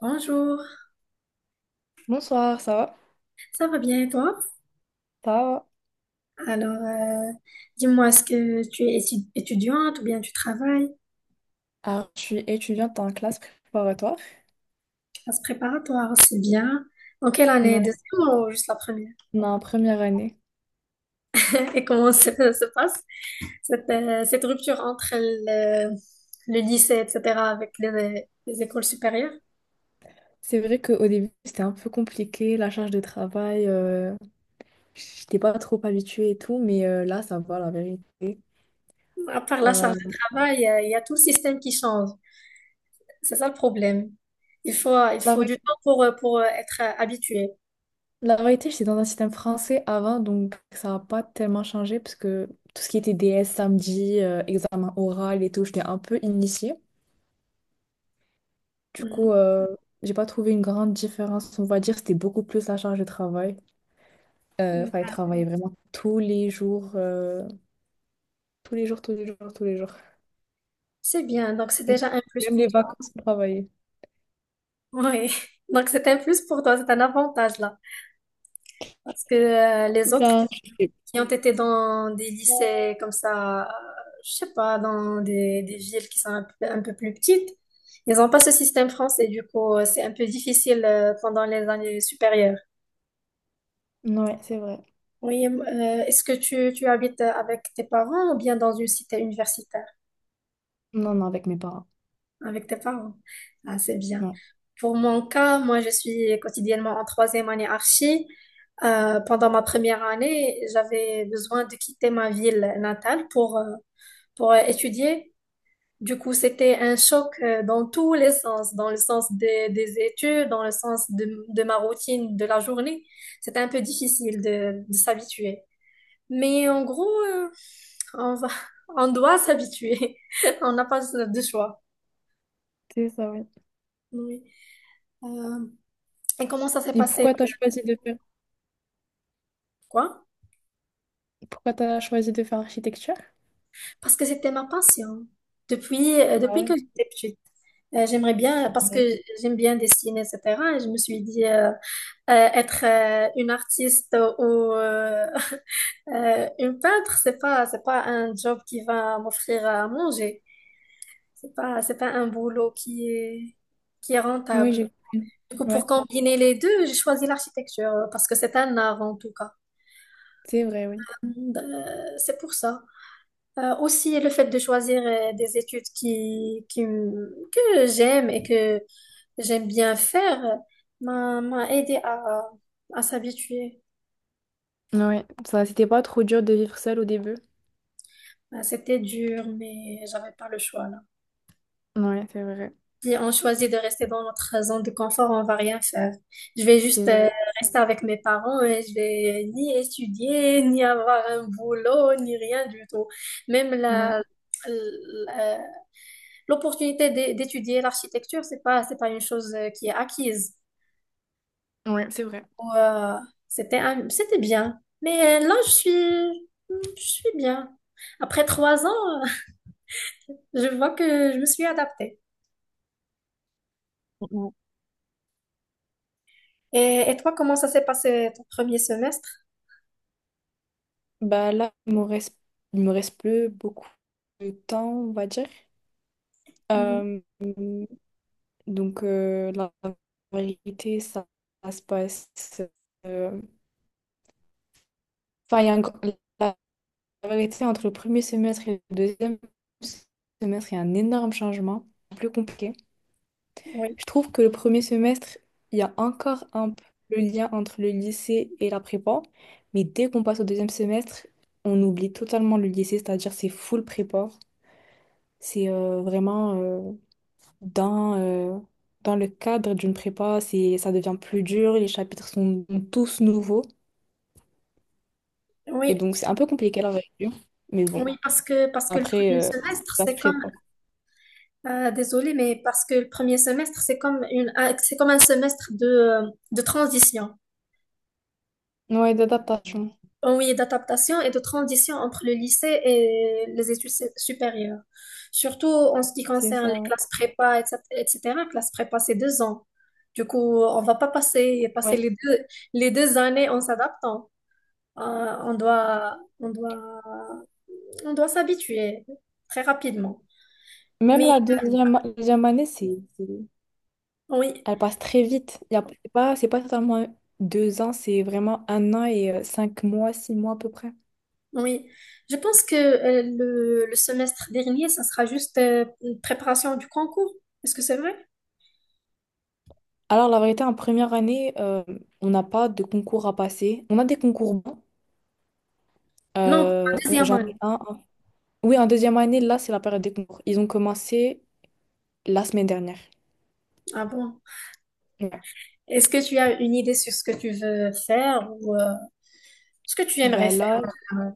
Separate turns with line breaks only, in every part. Bonjour,
Bonsoir, ça va?
ça va bien et toi?
Ça va?
Alors, euh, dis-moi, est-ce que tu es étudiante ou bien tu travailles?
Alors, je suis étudiante en classe préparatoire.
Classe préparatoire, c'est bien. En quelle année?
Ouais,
Deuxième ou juste la première?
on est en première année.
Et comment se passe cette rupture entre le lycée, etc., avec les écoles supérieures?
C'est vrai qu'au début, c'était un peu compliqué, la charge de travail, j'étais pas trop habituée et tout, mais là, ça va, la vérité.
À part la
Euh,
charge de travail, il y a tout le système qui change. C'est ça le problème. Il
la,
faut
vé-
du temps pour être habitué.
la vérité, j'étais dans un système français avant, donc ça n'a pas tellement changé, parce que tout ce qui était DS samedi, examen oral et tout, j'étais un peu initiée. Du
Mhm.
coup, j'ai pas trouvé une grande différence, on va dire, c'était beaucoup plus la charge de travail. Enfin, il travaillait vraiment tous les jours, tous les jours, tous les jours, tous les jours.
C'est bien, donc c'est déjà un plus
Même
pour.
les vacances, il travaillait.
Oui, donc c'est un plus pour toi, c'est un avantage là. Parce que les autres
Enfin, je sais.
qui ont été dans des lycées comme ça, je sais pas, dans des villes qui sont un un peu plus petites, ils n'ont pas ce système français, du coup, c'est un peu difficile pendant les années supérieures.
Non, ouais, c'est vrai.
Oui, est-ce que tu habites avec tes parents ou bien dans une cité universitaire?
Non, non, avec mes parents.
Avec tes parents. Ah, c'est bien.
Non.
Pour mon cas, moi, je suis quotidiennement en troisième année archi. Pendant ma première année, j'avais besoin de quitter ma ville natale pour étudier. Du coup, c'était un choc dans tous les sens, dans le sens des études, dans le sens de ma routine de la journée. C'était un peu difficile de s'habituer. Mais en gros, on va, on doit s'habituer. On n'a pas de choix.
C'est ça, ouais.
Oui. Euh, Et comment ça s'est
Et
passé?
pourquoi t'as choisi de faire...
Quoi?
Pourquoi t'as choisi de faire architecture?
Parce que c'était ma passion.
Ah
Depuis
ouais.
que j'étais petite. J'aimerais bien, parce que
Ouais.
j'aime bien dessiner, etc. Et je me suis dit, être une artiste ou euh, une peintre, c'est pas un job qui va m'offrir à manger. C'est pas un boulot qui est
Oui,
rentable.
j'ai compris.
Du coup,
Ouais,
pour combiner les deux, j'ai choisi l'architecture, parce que c'est un art en tout cas.
c'est vrai, oui.
Euh, C'est pour ça. Aussi, le fait de choisir des études que j'aime et que j'aime bien faire m'a aidé à s'habituer.
Ouais, ça, c'était pas trop dur de vivre seul au début.
C'était dur, mais j'avais pas le choix là.
Ouais, c'est vrai.
Si on choisit de rester dans notre zone de confort, on va rien faire. Je vais
C'est
juste
vrai.
rester avec mes parents et je vais ni étudier, ni avoir un boulot, ni rien du tout. Même
Ouais.
la, la- l'opportunité d'étudier l'architecture, c'est pas une chose qui est acquise.
Ouais, c'est vrai.
Ou, euh, c'était bien. Mais là, je suis bien. Après trois ans, je vois que je me suis adaptée.
Ouais.
Et toi, comment ça s'est passé ton premier semestre?
Bah là, il me reste plus beaucoup de temps, on va dire.
Mhm.
Euh, donc, la vérité, ça se passe. euh, Enfin, il y a un gr- la vérité, entre le premier semestre et le deuxième semestre, il y a un énorme changement, plus compliqué.
Oui,
Je trouve que le premier semestre, il y a encore un peu le lien entre le lycée et la prépa, mais dès qu'on passe au deuxième semestre, on oublie totalement le lycée, c'est-à-dire c'est full prépa. C'est vraiment. Dans, euh, dans le cadre d'une prépa, c'est, ça devient plus dur, les chapitres sont tous nouveaux. Et
oui,
donc, c'est un peu compliqué la révision. Mais bon,
oui, parce que le
après,
premier semestre
ça se
c'est comme
prépare.
désolé mais parce que le premier semestre c'est comme c'est comme un semestre de de transition.
Ouais, d'adaptation,
Oui, d'adaptation et de transition entre le lycée et les études supérieures. Surtout en ce qui
c'est
concerne les
ça. Ouais.
classes prépa, etc. etc. Classe prépa, c'est deux ans. Du coup, on va pas passer
Ouais.
les deux années en s'adaptant. Euh, on doit, on doit, on doit s'habituer très rapidement.
Même
Mais
la deuxième année,
oui,
elle passe très vite. C'est pas totalement deux ans, c'est vraiment un an et cinq mois, six mois à peu près.
oui. Je pense que le semestre dernier, ça sera juste une préparation du concours. Est-ce que c'est vrai?
Alors, la vérité, en première année, on n'a pas de concours à passer. On a des concours bons.
Non, pour la deuxième
J'en
année.
ai un. Oui, en deuxième année, là, c'est la période des concours. Ils ont commencé la semaine dernière.
Ah bon?
Ouais.
Est-ce que tu as une idée sur ce que tu veux faire ou ce que tu aimerais
Ben
faire en
là,
général.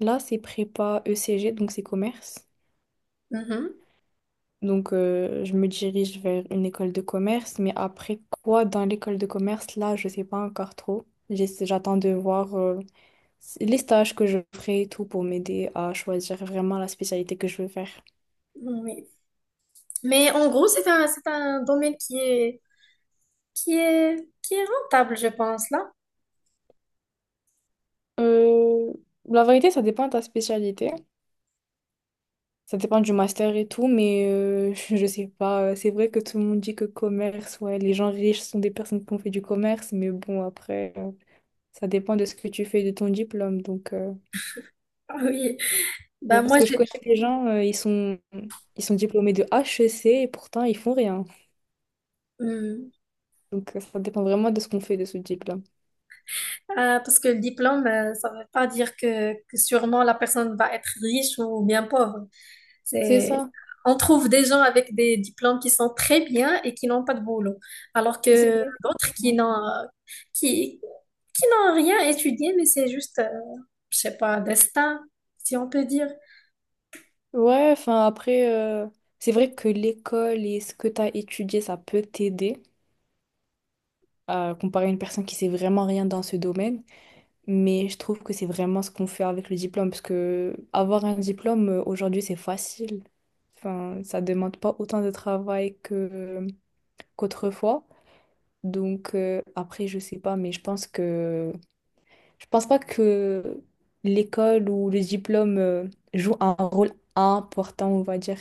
là, c'est prépa ECG, donc c'est commerce.
Mhm.
Donc, je me dirige vers une école de commerce, mais après quoi dans l'école de commerce, là, je sais pas encore trop. J'attends de voir les stages que je ferai et tout pour m'aider à choisir vraiment la spécialité que je veux faire.
Oui. Mais en gros, c'est un domaine qui est rentable, je pense, là.
Euh, la vérité, ça dépend de ta spécialité. Ça dépend du master et tout, mais je sais pas. C'est vrai que tout le monde dit que commerce, ouais, les gens riches sont des personnes qui ont fait du commerce, mais bon, après, ça dépend de ce que tu fais de ton diplôme. Donc,
Ah oui.
mais
Bah,
parce
moi,
que je
j'ai.
connais des gens, ils sont diplômés de HEC et pourtant, ils font rien.
Hmm.
Donc, ça dépend vraiment de ce qu'on fait de ce diplôme.
Ah, parce que le diplôme, ça ne veut pas dire que sûrement la personne va être riche ou bien pauvre.
C'est
C'est,
ça.
on trouve des gens avec des diplômes qui sont très bien et qui n'ont pas de boulot. Alors
C'est
que d'autres
exactement.
qui, qui n'ont rien étudié, mais c'est juste, je sais pas, un destin, si on peut dire.
Ouais, enfin, après, c'est vrai que l'école et ce que tu as étudié, ça peut t'aider à comparer à une personne qui sait vraiment rien dans ce domaine. Mais je trouve que c'est vraiment ce qu'on fait avec le diplôme, parce que avoir un diplôme aujourd'hui, c'est facile. Enfin, ça demande pas autant de travail que qu'autrefois. Donc après, je sais pas, mais je pense que je pense pas que l'école ou le diplôme joue un rôle important, on va dire.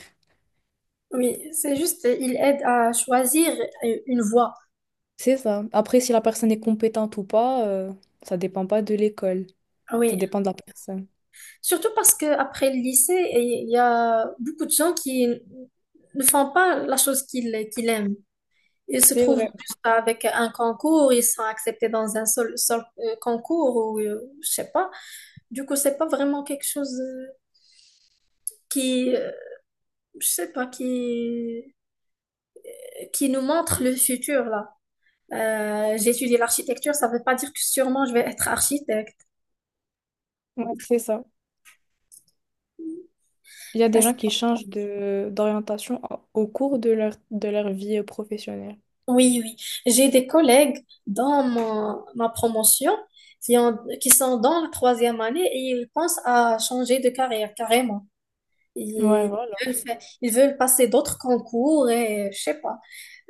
Oui, c'est juste, il aide à choisir une voie.
C'est ça. Après, si la personne est compétente ou pas, ça dépend pas de l'école.
Ah
Ça
oui,
dépend de la personne.
surtout parce que après le lycée, il y a beaucoup de gens qui ne font pas la chose qu'ils aiment. Ils se
C'est
trouvent
vrai.
juste avec un concours, ils sont acceptés dans un seul, concours ou je sais pas. Du coup, c'est pas vraiment quelque chose qui, euh, je sais pas, qui nous montre le futur là. J'ai étudié l'architecture, ça ne veut pas dire que sûrement je vais être architecte.
Ouais, c'est ça. Il y a des
Parce-
gens qui changent de d'orientation au cours de leur vie professionnelle.
Oui, oui. J'ai des collègues dans ma promotion qui sont dans la troisième année et ils pensent à changer de carrière carrément.
Ouais,
Ils
voilà.
veulent, fa- ils veulent passer d'autres concours et je sais pas.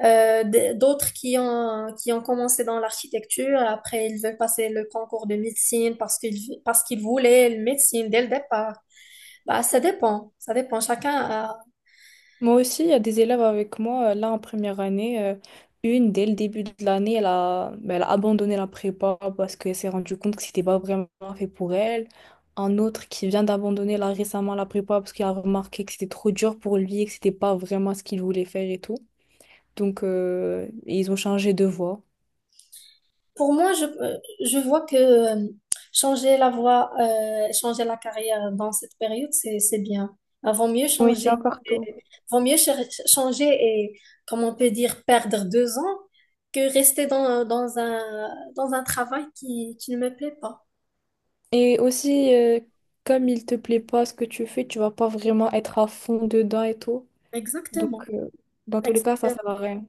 D'autres qui ont commencé dans l'architecture, après ils veulent passer le concours de médecine parce qu'ils voulaient le médecine dès le départ. Bah, ça dépend, ça dépend. Chacun.
Moi aussi, il y a des élèves avec moi, là, en première année. Une, dès le début de l'année, elle a abandonné la prépa parce qu'elle s'est rendue compte que c'était pas vraiment fait pour elle. Un autre qui vient d'abandonner là récemment la prépa parce qu'il a remarqué que c'était trop dur pour lui et que c'était pas vraiment ce qu'il voulait faire et tout. Donc, ils ont changé de voie.
Pour moi, je vois que changer la voie, changer la carrière dans cette période, c'est bien. Ah, vaut mieux
Oui, c'est
changer,
encore tôt.
vaut mieux cher- changer et, comme on peut dire, perdre deux ans que rester dans dans un travail qui ne me plaît pas.
Et aussi, comme il te plaît pas ce que tu fais, tu vas pas vraiment être à fond dedans et tout. Donc,
Exactement.
dans tous les cas, ça sert à
Exactement.
rien.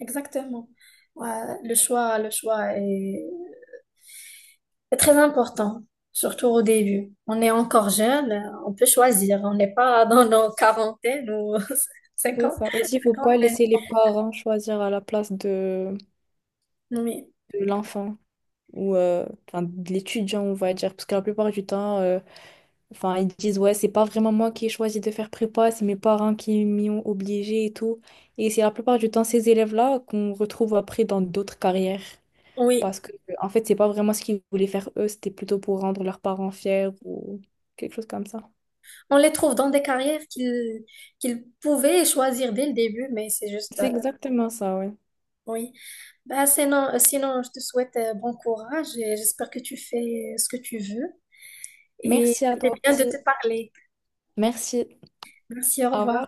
Exactement. Ouais, le choix est, c'est très important, surtout au début. On est encore jeune, on peut choisir. On n'est pas dans nos quarantaines ou
C'est
cinquante,
ça. Aussi, il faut pas
cinquantaine.
laisser les parents choisir à la place de,
Oui,
de l'enfant ou enfin, de l'étudiant, on va dire. Parce que la plupart du temps, enfin, ils disent, ouais, c'est pas vraiment moi qui ai choisi de faire prépa, c'est mes parents qui m'y ont obligé et tout. Et c'est la plupart du temps ces élèves-là qu'on retrouve après dans d'autres carrières.
oui.
Parce que, en fait, c'est pas vraiment ce qu'ils voulaient faire eux, c'était plutôt pour rendre leurs parents fiers ou quelque chose comme ça.
On les trouve dans des carrières qu'ils pouvaient choisir dès le début, mais c'est juste,
C'est exactement ça, ouais.
oui. Bah, sinon, je te souhaite bon courage et j'espère que tu fais ce que tu veux. Et
Merci à
c'est
toi
bien de
aussi.
te parler.
Merci.
Merci, au
Au
revoir.
revoir.